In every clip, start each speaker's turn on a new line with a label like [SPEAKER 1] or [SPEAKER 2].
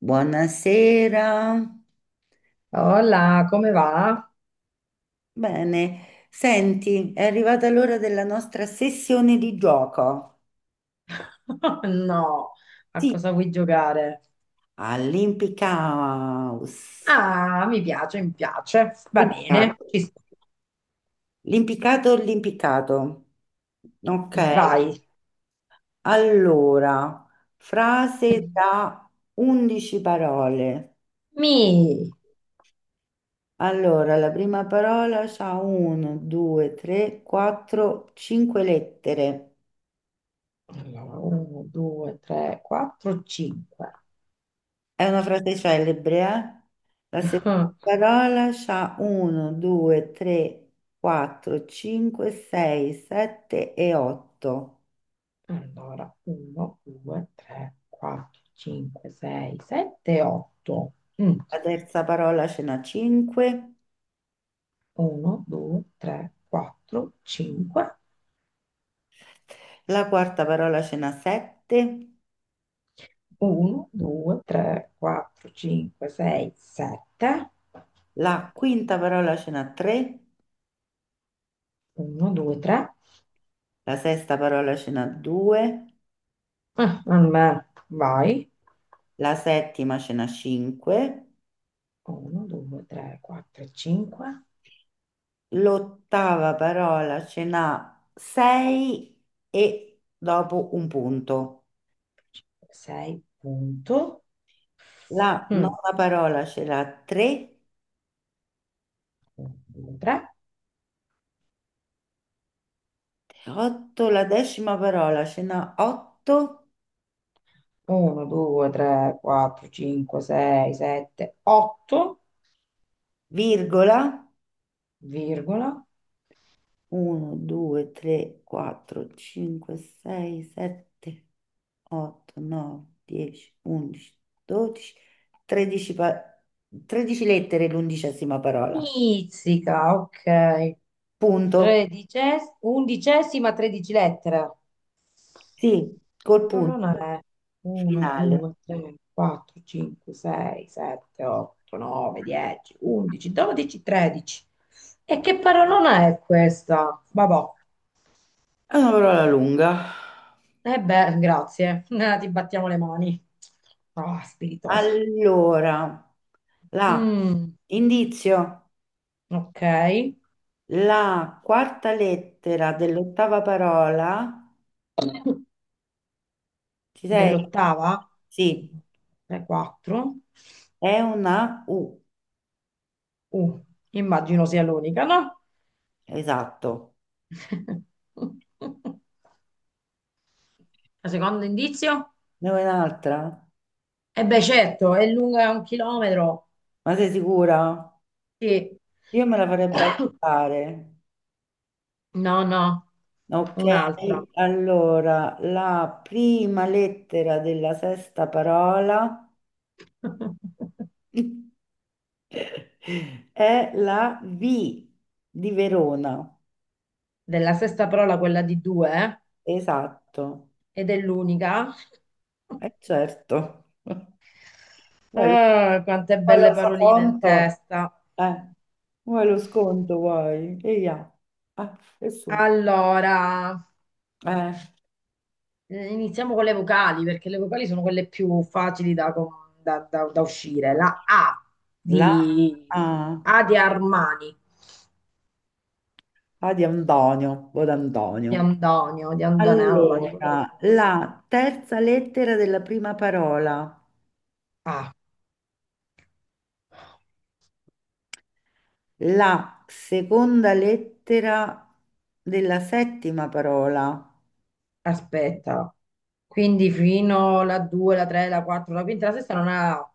[SPEAKER 1] Buonasera.
[SPEAKER 2] Hola, come va?
[SPEAKER 1] Bene, senti, è arrivata l'ora della nostra sessione di gioco.
[SPEAKER 2] No, a
[SPEAKER 1] Sì,
[SPEAKER 2] cosa vuoi giocare?
[SPEAKER 1] all'impiccaus.
[SPEAKER 2] Ah, mi piace, mi piace. Va
[SPEAKER 1] Impiccato.
[SPEAKER 2] bene, ci sto.
[SPEAKER 1] L'impiccato, l'impiccato. Ok,
[SPEAKER 2] Vai.
[SPEAKER 1] allora, frase da 11 parole.
[SPEAKER 2] Mi.
[SPEAKER 1] Allora, la prima parola ha 1, 2, 3, 4, 5 lettere.
[SPEAKER 2] Allora, 1, 2, 3, 4, 5.
[SPEAKER 1] È una frase celebre, eh? La seconda parola c'ha 1, 2, 3, 4, 5, 6, 7 e 8.
[SPEAKER 2] Allora, 1, 2, 3, 4, 5, 6, 7, 8.
[SPEAKER 1] La terza parola ce n'ha 5,
[SPEAKER 2] 1, 2, 3, 4, 5.
[SPEAKER 1] la quarta parola ce n'ha 7,
[SPEAKER 2] 1, 2, 3, 4, 5, 6, 7.
[SPEAKER 1] la quinta parola ce n'ha 3,
[SPEAKER 2] 1, 2, 3.
[SPEAKER 1] la sesta parola ce n'ha 2,
[SPEAKER 2] Ah, vabbè, vai.
[SPEAKER 1] la settima ce n'ha 5,
[SPEAKER 2] 1, 2, 3, 4, 5,
[SPEAKER 1] l'ottava parola ce n'ha 6 e dopo un punto.
[SPEAKER 2] 6, punto.
[SPEAKER 1] La
[SPEAKER 2] 1,
[SPEAKER 1] nona parola ce l'ha 3,
[SPEAKER 2] 2, 3.
[SPEAKER 1] 8, la decima parola ce n'ha 8,
[SPEAKER 2] 1, 2, 3, 4, 5, 6, 7, 8,
[SPEAKER 1] virgola,
[SPEAKER 2] virgola.
[SPEAKER 1] 1, 2, 3, 4, 5, 6, 7, 8, 9, 10, 11, 12, 13, 13 lettere l'undicesima parola.
[SPEAKER 2] Pizzica, ok.
[SPEAKER 1] Punto.
[SPEAKER 2] Tredicesima, undicesima, tredici lettera.
[SPEAKER 1] Sì, col
[SPEAKER 2] L'olona
[SPEAKER 1] punto
[SPEAKER 2] è 1,
[SPEAKER 1] finale.
[SPEAKER 2] 2, 3, 4, 5, 6, 7, 8, 9, 10, 11, 12, 13. E che parolona è questa? Vabbò.
[SPEAKER 1] È una parola lunga.
[SPEAKER 2] Eh beh, grazie. Ti battiamo le mani. Ah, spiritosa.
[SPEAKER 1] Allora, la
[SPEAKER 2] Mm,
[SPEAKER 1] indizio.
[SPEAKER 2] ok.
[SPEAKER 1] La quarta lettera dell'ottava parola, ci sei?
[SPEAKER 2] Dell'ottava?
[SPEAKER 1] Sì,
[SPEAKER 2] 3, 4.
[SPEAKER 1] è una U,
[SPEAKER 2] Uh, immagino sia l'unica, no?
[SPEAKER 1] esatto.
[SPEAKER 2] Secondo indizio?
[SPEAKER 1] Ne vuoi un'altra?
[SPEAKER 2] E beh, certo, è lunga un chilometro.
[SPEAKER 1] Ma sei sicura?
[SPEAKER 2] Sì.
[SPEAKER 1] Io me la farei bastare.
[SPEAKER 2] No, no,
[SPEAKER 1] Ok,
[SPEAKER 2] un'altra.
[SPEAKER 1] allora, la prima lettera della sesta parola è la V di Verona.
[SPEAKER 2] Della sesta parola, quella di due,
[SPEAKER 1] Esatto,
[SPEAKER 2] eh? Ed è l'unica.
[SPEAKER 1] è certo. Vuoi lo,
[SPEAKER 2] Ah, quante
[SPEAKER 1] vuoi lo
[SPEAKER 2] belle paroline in
[SPEAKER 1] sconto?
[SPEAKER 2] testa.
[SPEAKER 1] Eh, vuoi lo sconto, vuoi? E ia. Ah, e su.
[SPEAKER 2] Allora,
[SPEAKER 1] Eh,
[SPEAKER 2] iniziamo con le vocali, perché le vocali sono quelle più facili da, com- da- da- da uscire. La
[SPEAKER 1] la
[SPEAKER 2] di,
[SPEAKER 1] A,
[SPEAKER 2] A di Armani,
[SPEAKER 1] A di Antonio, o
[SPEAKER 2] di
[SPEAKER 1] d'Antonio.
[SPEAKER 2] Antonio, di Antonella, di quello che
[SPEAKER 1] Allora,
[SPEAKER 2] vuoi.
[SPEAKER 1] la terza lettera della prima parola,
[SPEAKER 2] A.
[SPEAKER 1] la seconda lettera della settima parola,
[SPEAKER 2] Aspetta, quindi fino alla 2, la 3, la 4, la quinta, la sesta non ha la A.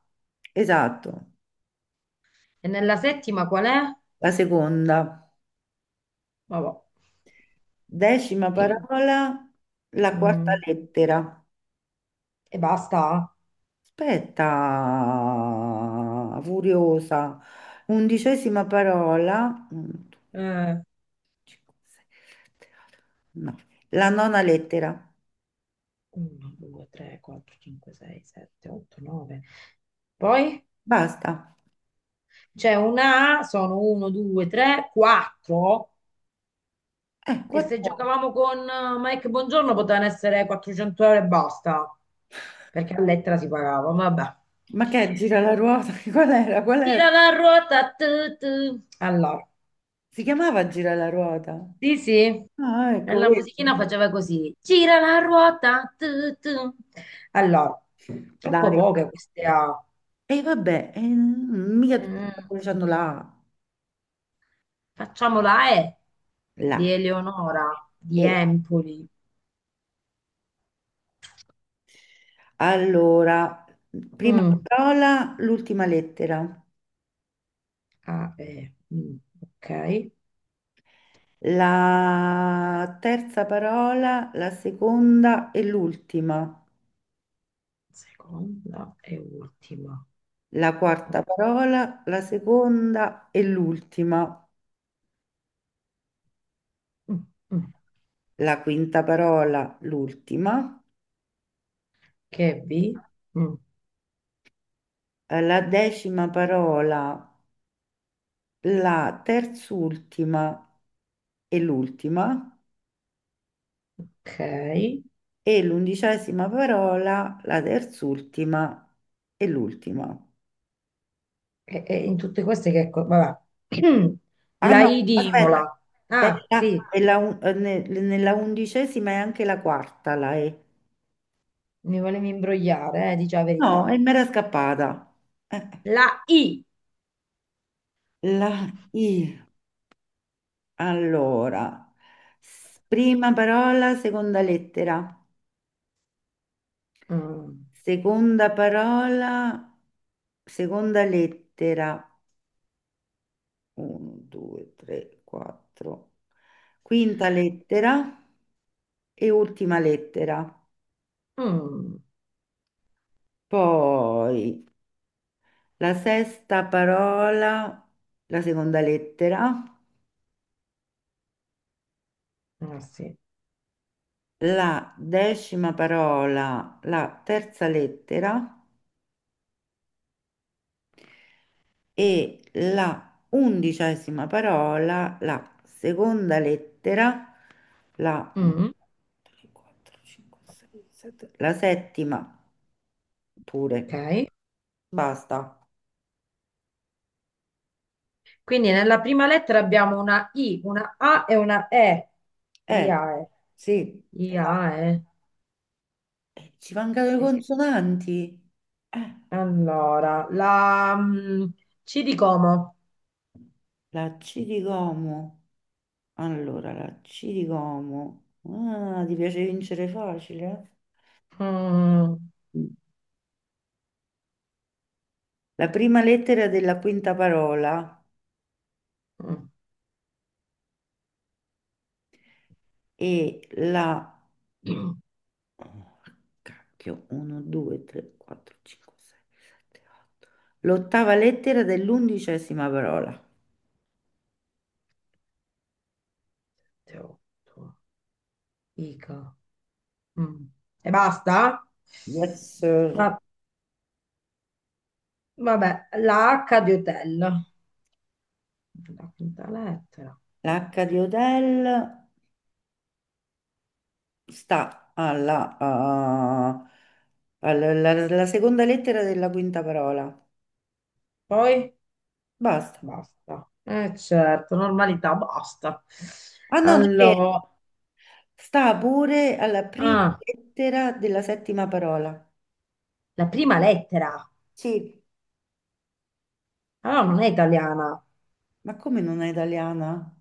[SPEAKER 1] esatto,
[SPEAKER 2] E nella settima qual è?
[SPEAKER 1] la seconda,
[SPEAKER 2] Vabbè.
[SPEAKER 1] decima parola, la quarta
[SPEAKER 2] Mm,
[SPEAKER 1] lettera.
[SPEAKER 2] e basta.
[SPEAKER 1] Aspetta, furiosa. Undicesima parola. Uno, due,
[SPEAKER 2] Eh,
[SPEAKER 1] cinque, sei, sette, otto, nove. La nona lettera.
[SPEAKER 2] 1, 2, 3, 4, 5, 6, 7, 8, 9. Poi
[SPEAKER 1] Basta.
[SPEAKER 2] c'è una A, sono 1, 2, 3, 4,
[SPEAKER 1] Eh,
[SPEAKER 2] che se
[SPEAKER 1] quattro.
[SPEAKER 2] giocavamo con Mike Buongiorno potevano essere 400 euro e basta, perché a lettera si pagava, vabbè.
[SPEAKER 1] Ma che è gira la ruota? Qual era? Qual
[SPEAKER 2] Tira
[SPEAKER 1] era?
[SPEAKER 2] la ruota, tu, tu. Allora.
[SPEAKER 1] Si chiamava gira la ruota.
[SPEAKER 2] Sì, sì,
[SPEAKER 1] Ah,
[SPEAKER 2] e
[SPEAKER 1] ecco,
[SPEAKER 2] la musichina
[SPEAKER 1] vedi.
[SPEAKER 2] faceva così, gira la ruota, tu, tu. Allora, troppo
[SPEAKER 1] Dai.
[SPEAKER 2] poche queste A.
[SPEAKER 1] E vabbè, mica
[SPEAKER 2] Mm,
[SPEAKER 1] tutti hanno la A.
[SPEAKER 2] facciamo la E di
[SPEAKER 1] La.
[SPEAKER 2] Eleonora, di
[SPEAKER 1] E
[SPEAKER 2] Empoli.
[SPEAKER 1] allora, prima
[SPEAKER 2] Mm,
[SPEAKER 1] parola, l'ultima lettera.
[SPEAKER 2] A, E, mm, ok,
[SPEAKER 1] La terza parola, la seconda e l'ultima.
[SPEAKER 2] seconda e ultima.
[SPEAKER 1] La
[SPEAKER 2] Mm,
[SPEAKER 1] quarta parola, la seconda e l'ultima.
[SPEAKER 2] mm. Mm.
[SPEAKER 1] La quinta parola, l'ultima.
[SPEAKER 2] Che è B? Mm,
[SPEAKER 1] La decima parola, la terzultima e l'ultima.
[SPEAKER 2] ok,
[SPEAKER 1] E l'undicesima parola, la terzultima e l'ultima.
[SPEAKER 2] e in tutte queste che... co- Vabbè.
[SPEAKER 1] Ah
[SPEAKER 2] La
[SPEAKER 1] no,
[SPEAKER 2] I di
[SPEAKER 1] aspetta,
[SPEAKER 2] Imola. Ah,
[SPEAKER 1] nella,
[SPEAKER 2] sì.
[SPEAKER 1] nella un- eh, ne- nella undicesima è anche la quarta, la E.
[SPEAKER 2] Mi volevi imbrogliare, dici la
[SPEAKER 1] No,
[SPEAKER 2] verità.
[SPEAKER 1] e mi era scappata. Eh,
[SPEAKER 2] La I.
[SPEAKER 1] la I. Allora, prima parola, seconda lettera.
[SPEAKER 2] Mm.
[SPEAKER 1] Seconda parola, seconda lettera. 1, 2, 3, 4. Quinta lettera e ultima lettera.
[SPEAKER 2] Mm.
[SPEAKER 1] Poi la sesta parola, la seconda lettera.
[SPEAKER 2] Ah, sì.
[SPEAKER 1] La decima parola, la terza lettera e la undicesima parola, la seconda lettera, un,
[SPEAKER 2] Mm.
[SPEAKER 1] tre, quattro, cinque, sei, sette, la settima pure.
[SPEAKER 2] Ok.
[SPEAKER 1] Basta.
[SPEAKER 2] Quindi nella prima lettera abbiamo una I, una A e una E.
[SPEAKER 1] Eh,
[SPEAKER 2] IAE.
[SPEAKER 1] sì, esatto.
[SPEAKER 2] IAE.
[SPEAKER 1] Ci mancano le
[SPEAKER 2] E che-
[SPEAKER 1] consonanti. Eh,
[SPEAKER 2] Allora, la mm, C di Como.
[SPEAKER 1] la C di Como. Allora, la C di Como. Ah, ti piace vincere facile? Eh?
[SPEAKER 2] Mm.
[SPEAKER 1] La prima lettera della quinta parola
[SPEAKER 2] Mm.
[SPEAKER 1] è la. Oh, cacchio, 1, 2, 3, 4, 5, 6, 7, 8. L'ottava lettera dell'undicesima parola.
[SPEAKER 2] Teotto. Ica. Mm. E basta?
[SPEAKER 1] Yes, sir.
[SPEAKER 2] Ma, vabbè, la H di hotel. La quinta lettera.
[SPEAKER 1] L'H di Odell sta alla, ah, alla, alla- alla seconda lettera della quinta parola.
[SPEAKER 2] Poi
[SPEAKER 1] Basta.
[SPEAKER 2] basta. Eh certo, normalità, basta.
[SPEAKER 1] Ah no, non è vero.
[SPEAKER 2] Allora,
[SPEAKER 1] Sta pure alla prima
[SPEAKER 2] ah,
[SPEAKER 1] lettera della settima parola.
[SPEAKER 2] la prima lettera.
[SPEAKER 1] Sì,
[SPEAKER 2] Allora non è italiana.
[SPEAKER 1] ma come non è italiana?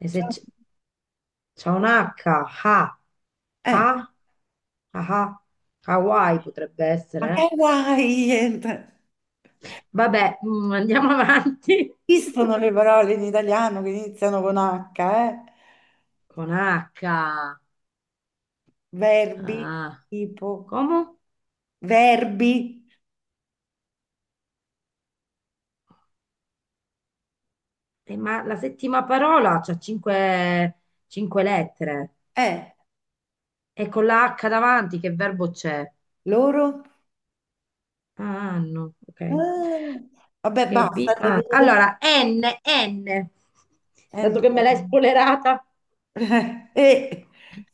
[SPEAKER 2] E se
[SPEAKER 1] Cioè,
[SPEAKER 2] c'è un H, ha,
[SPEAKER 1] eh,
[SPEAKER 2] ha, ah, ah. Hawaii potrebbe
[SPEAKER 1] ma che
[SPEAKER 2] essere.
[SPEAKER 1] guai?
[SPEAKER 2] Eh. Vabbè, mm, andiamo avanti.
[SPEAKER 1] Esistono le parole in italiano che iniziano con H, eh?
[SPEAKER 2] Con H.
[SPEAKER 1] Verbi,
[SPEAKER 2] Ah,
[SPEAKER 1] tipo,
[SPEAKER 2] come?
[SPEAKER 1] verbi,
[SPEAKER 2] Ma la settima parola c'ha cinque, cinque lettere.
[SPEAKER 1] eh,
[SPEAKER 2] E con la H davanti, che verbo c'è?
[SPEAKER 1] loro?
[SPEAKER 2] Ah, hanno, ok.
[SPEAKER 1] Ah, vabbè,
[SPEAKER 2] Che
[SPEAKER 1] basta.
[SPEAKER 2] B,
[SPEAKER 1] Dai, dai,
[SPEAKER 2] ah,
[SPEAKER 1] dai.
[SPEAKER 2] allora, N, N, dato
[SPEAKER 1] Eh,
[SPEAKER 2] che me l'hai
[SPEAKER 1] no.
[SPEAKER 2] spoilerata.
[SPEAKER 1] E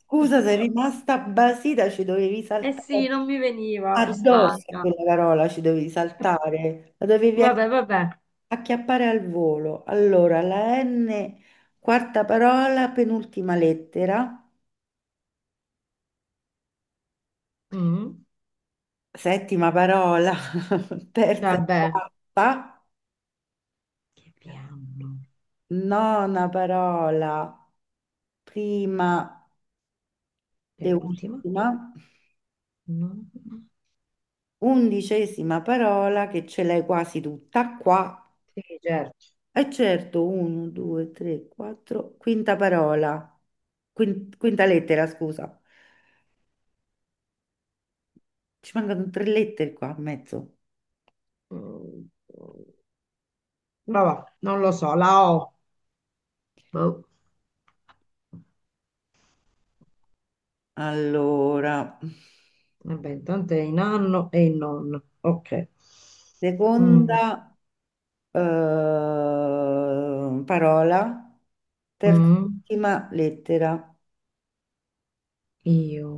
[SPEAKER 1] scusa, sei rimasta basita, ci dovevi
[SPEAKER 2] Eh
[SPEAKER 1] saltare
[SPEAKER 2] sì, non mi veniva, sono
[SPEAKER 1] addosso a
[SPEAKER 2] stanca.
[SPEAKER 1] quella parola, ci dovevi saltare, la dovevi acchi-
[SPEAKER 2] Vabbè, vabbè.
[SPEAKER 1] acchiappare al volo. Allora, la N, quarta parola, penultima lettera,
[SPEAKER 2] Mm,
[SPEAKER 1] settima parola, terza e
[SPEAKER 2] vabbè.
[SPEAKER 1] quarta,
[SPEAKER 2] Che B hanno?
[SPEAKER 1] nona parola, prima
[SPEAKER 2] È
[SPEAKER 1] e
[SPEAKER 2] ultima?
[SPEAKER 1] ultima,
[SPEAKER 2] No.
[SPEAKER 1] undicesima parola che ce l'hai quasi tutta qua.
[SPEAKER 2] Sì, certo.
[SPEAKER 1] Eh certo, 1, 2, 3, 4, quinta parola, quinta lettera, scusa. Ci mancano tre lettere qua a mezzo.
[SPEAKER 2] Mm, vabbè, non lo so, la O. Boh.
[SPEAKER 1] Allora,
[SPEAKER 2] Vabbè, intanto è in anno e in nonno. Ok.
[SPEAKER 1] seconda
[SPEAKER 2] Mm,
[SPEAKER 1] parola,
[SPEAKER 2] mm.
[SPEAKER 1] terz'ultima lettera,
[SPEAKER 2] Io,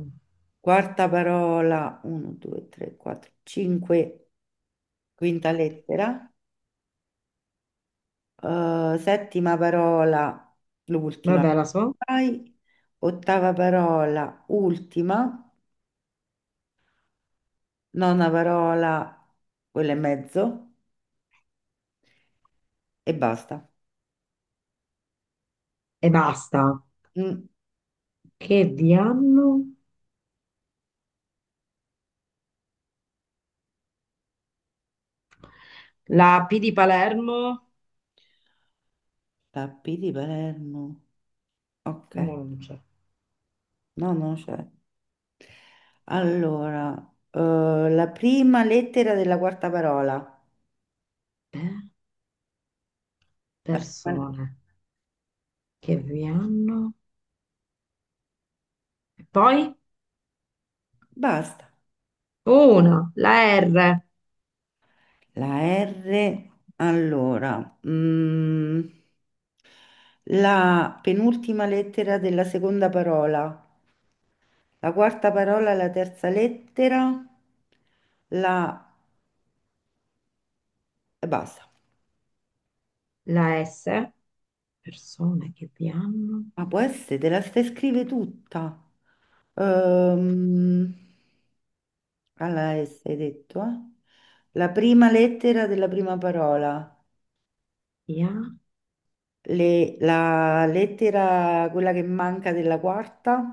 [SPEAKER 1] quarta parola, 1, 2, 3, 4, 5, quinta lettera, settima parola, l'ultima.
[SPEAKER 2] vabbè, la so
[SPEAKER 1] Vai. Ottava parola, ultima. Nona parola, quella e mezzo. E basta.
[SPEAKER 2] e basta.
[SPEAKER 1] Mm,
[SPEAKER 2] Che vi hanno? La P di Palermo?
[SPEAKER 1] Tappi di Palermo. Ok,
[SPEAKER 2] No, non c'è.
[SPEAKER 1] no, no, c'è. Allora, eh, la prima lettera della quarta parola.
[SPEAKER 2] Beh,
[SPEAKER 1] La prima-
[SPEAKER 2] persone che vi hanno? E poi?
[SPEAKER 1] Basta.
[SPEAKER 2] Una, la R,
[SPEAKER 1] La R, allora, la penultima lettera della seconda parola, la quarta parola, la terza lettera, la... e basta.
[SPEAKER 2] la S, persone che vi hanno?
[SPEAKER 1] Ma può essere, te la stai scrive tutta. Ehm, alla S hai detto, eh? La prima lettera della prima parola,
[SPEAKER 2] Vi ha?
[SPEAKER 1] la lettera, quella che manca della quarta,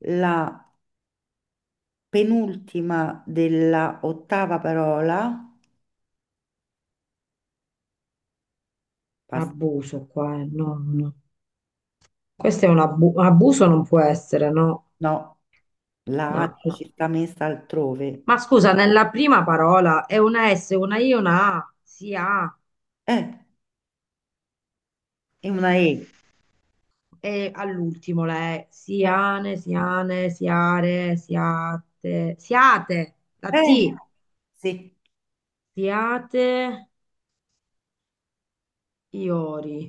[SPEAKER 1] la penultima della ottava parola, pas-
[SPEAKER 2] Abuso qua, no, no. Questo è un abuso, non può essere, no,
[SPEAKER 1] no, la A
[SPEAKER 2] no, no.
[SPEAKER 1] ci sta messa altrove,
[SPEAKER 2] Ma scusa, nella prima parola è una S, una I, una A, si ha.
[SPEAKER 1] eh, è una E,
[SPEAKER 2] E all'ultimo la E,
[SPEAKER 1] eh,
[SPEAKER 2] siane, siane, siare, siate, siate, la
[SPEAKER 1] eh,
[SPEAKER 2] T,
[SPEAKER 1] sì,
[SPEAKER 2] siate, iori,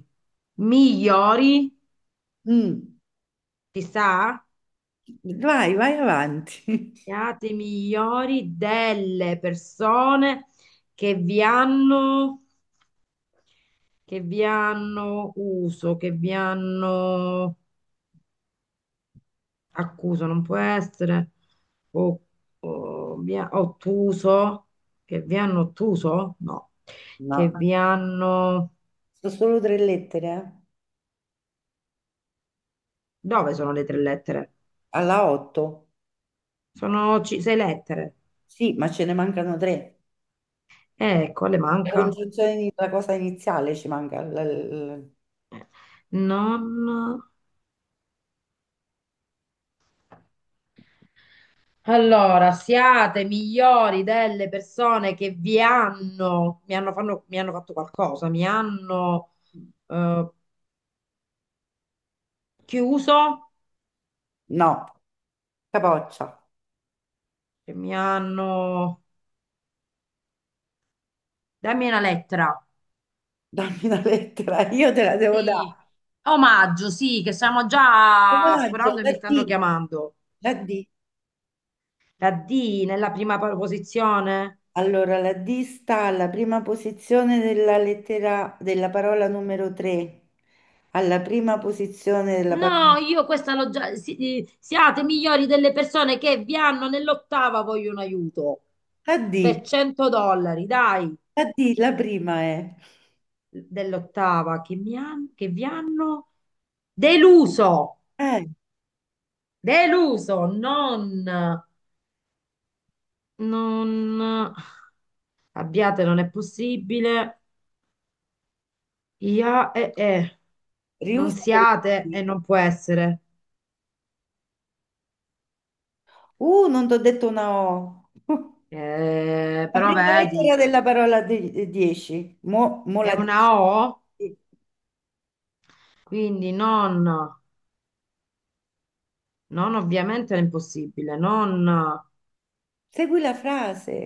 [SPEAKER 2] migliori,
[SPEAKER 1] Mm.
[SPEAKER 2] ci sta?
[SPEAKER 1] Vai, vai avanti.
[SPEAKER 2] Siate migliori delle persone che vi hanno, che vi hanno uso, che vi hanno accuso non può essere, o, o ottuso, che vi hanno ottuso? No, che
[SPEAKER 1] No,
[SPEAKER 2] vi hanno...
[SPEAKER 1] sono solo tre lettere,
[SPEAKER 2] Dove sono le tre lettere?
[SPEAKER 1] eh. Alla 8,
[SPEAKER 2] Sono sei lettere.
[SPEAKER 1] sì, ma ce ne mancano tre.
[SPEAKER 2] Ecco, le
[SPEAKER 1] La
[SPEAKER 2] manca.
[SPEAKER 1] Congiunzione di- la cosa iniziale ci manca,
[SPEAKER 2] Non... Allora, siate migliori delle persone che vi hanno, mi hanno, mi hanno fatto qualcosa, mi hanno
[SPEAKER 1] l-
[SPEAKER 2] eh, chiuso,
[SPEAKER 1] no, capoccia,
[SPEAKER 2] che mi hanno... Dammi una lettera.
[SPEAKER 1] dammi una lettera, io te la devo
[SPEAKER 2] Sì,
[SPEAKER 1] dare.
[SPEAKER 2] omaggio, sì, che stiamo già
[SPEAKER 1] Coraggio,
[SPEAKER 2] sforando e mi stanno chiamando.
[SPEAKER 1] La D.
[SPEAKER 2] La D nella prima posizione.
[SPEAKER 1] Allora, la D sta alla prima posizione della lettera della parola numero 3, alla prima posizione della parola.
[SPEAKER 2] No, io questa l'ho già... siate migliori delle persone che vi hanno nell'ottava vogliono aiuto
[SPEAKER 1] La
[SPEAKER 2] per
[SPEAKER 1] D,
[SPEAKER 2] $100, dai,
[SPEAKER 1] la D, la prima è.
[SPEAKER 2] dell'ottava che mi hanno, che vi hanno deluso,
[SPEAKER 1] Eh,
[SPEAKER 2] deluso, non, non, abbiate, non è possibile. Ia e. Non
[SPEAKER 1] riusa quella
[SPEAKER 2] siate e
[SPEAKER 1] D.
[SPEAKER 2] non può essere.
[SPEAKER 1] Non ti ho detto una O. La
[SPEAKER 2] Però
[SPEAKER 1] prima lettera
[SPEAKER 2] vedi,
[SPEAKER 1] della parola 10. Mo, mo
[SPEAKER 2] è
[SPEAKER 1] la dici.
[SPEAKER 2] una O,
[SPEAKER 1] Sì.
[SPEAKER 2] quindi non, non ovviamente è impossibile, non...
[SPEAKER 1] Segui la frase,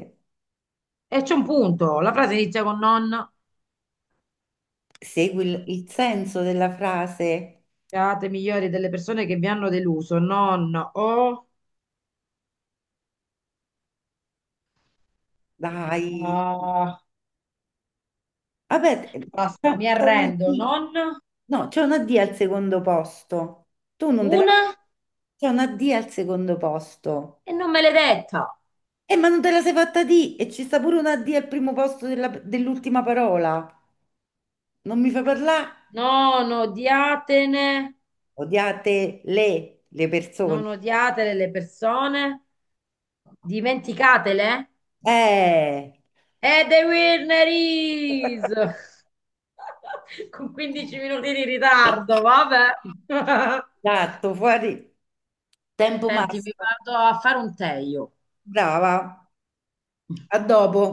[SPEAKER 2] E c'è un punto, la frase inizia con non,
[SPEAKER 1] segui il senso della frase.
[SPEAKER 2] siate migliori delle persone che vi hanno deluso, non o...
[SPEAKER 1] Dai.
[SPEAKER 2] Ah,
[SPEAKER 1] Vabbè,
[SPEAKER 2] basta,
[SPEAKER 1] c'è
[SPEAKER 2] mi
[SPEAKER 1] c'è una
[SPEAKER 2] arrendo,
[SPEAKER 1] D.
[SPEAKER 2] non
[SPEAKER 1] No, c'è una D al secondo posto. Tu non te la.
[SPEAKER 2] una
[SPEAKER 1] C'è una D al secondo posto.
[SPEAKER 2] e non me l'hai detta.
[SPEAKER 1] Ma non te la sei fatta D e ci sta pure una D al primo posto dell'ultima parola. Non mi fai parlare?
[SPEAKER 2] Non odiatene,
[SPEAKER 1] Odiate le persone.
[SPEAKER 2] non odiate le persone. Dimenticatele?
[SPEAKER 1] Eh.
[SPEAKER 2] E the winner is! Con 15 minuti di ritardo, vabbè.
[SPEAKER 1] Esatto, fuori tempo
[SPEAKER 2] Senti, mi
[SPEAKER 1] massimo.
[SPEAKER 2] vado a fare un tè io.
[SPEAKER 1] Brava. A dopo.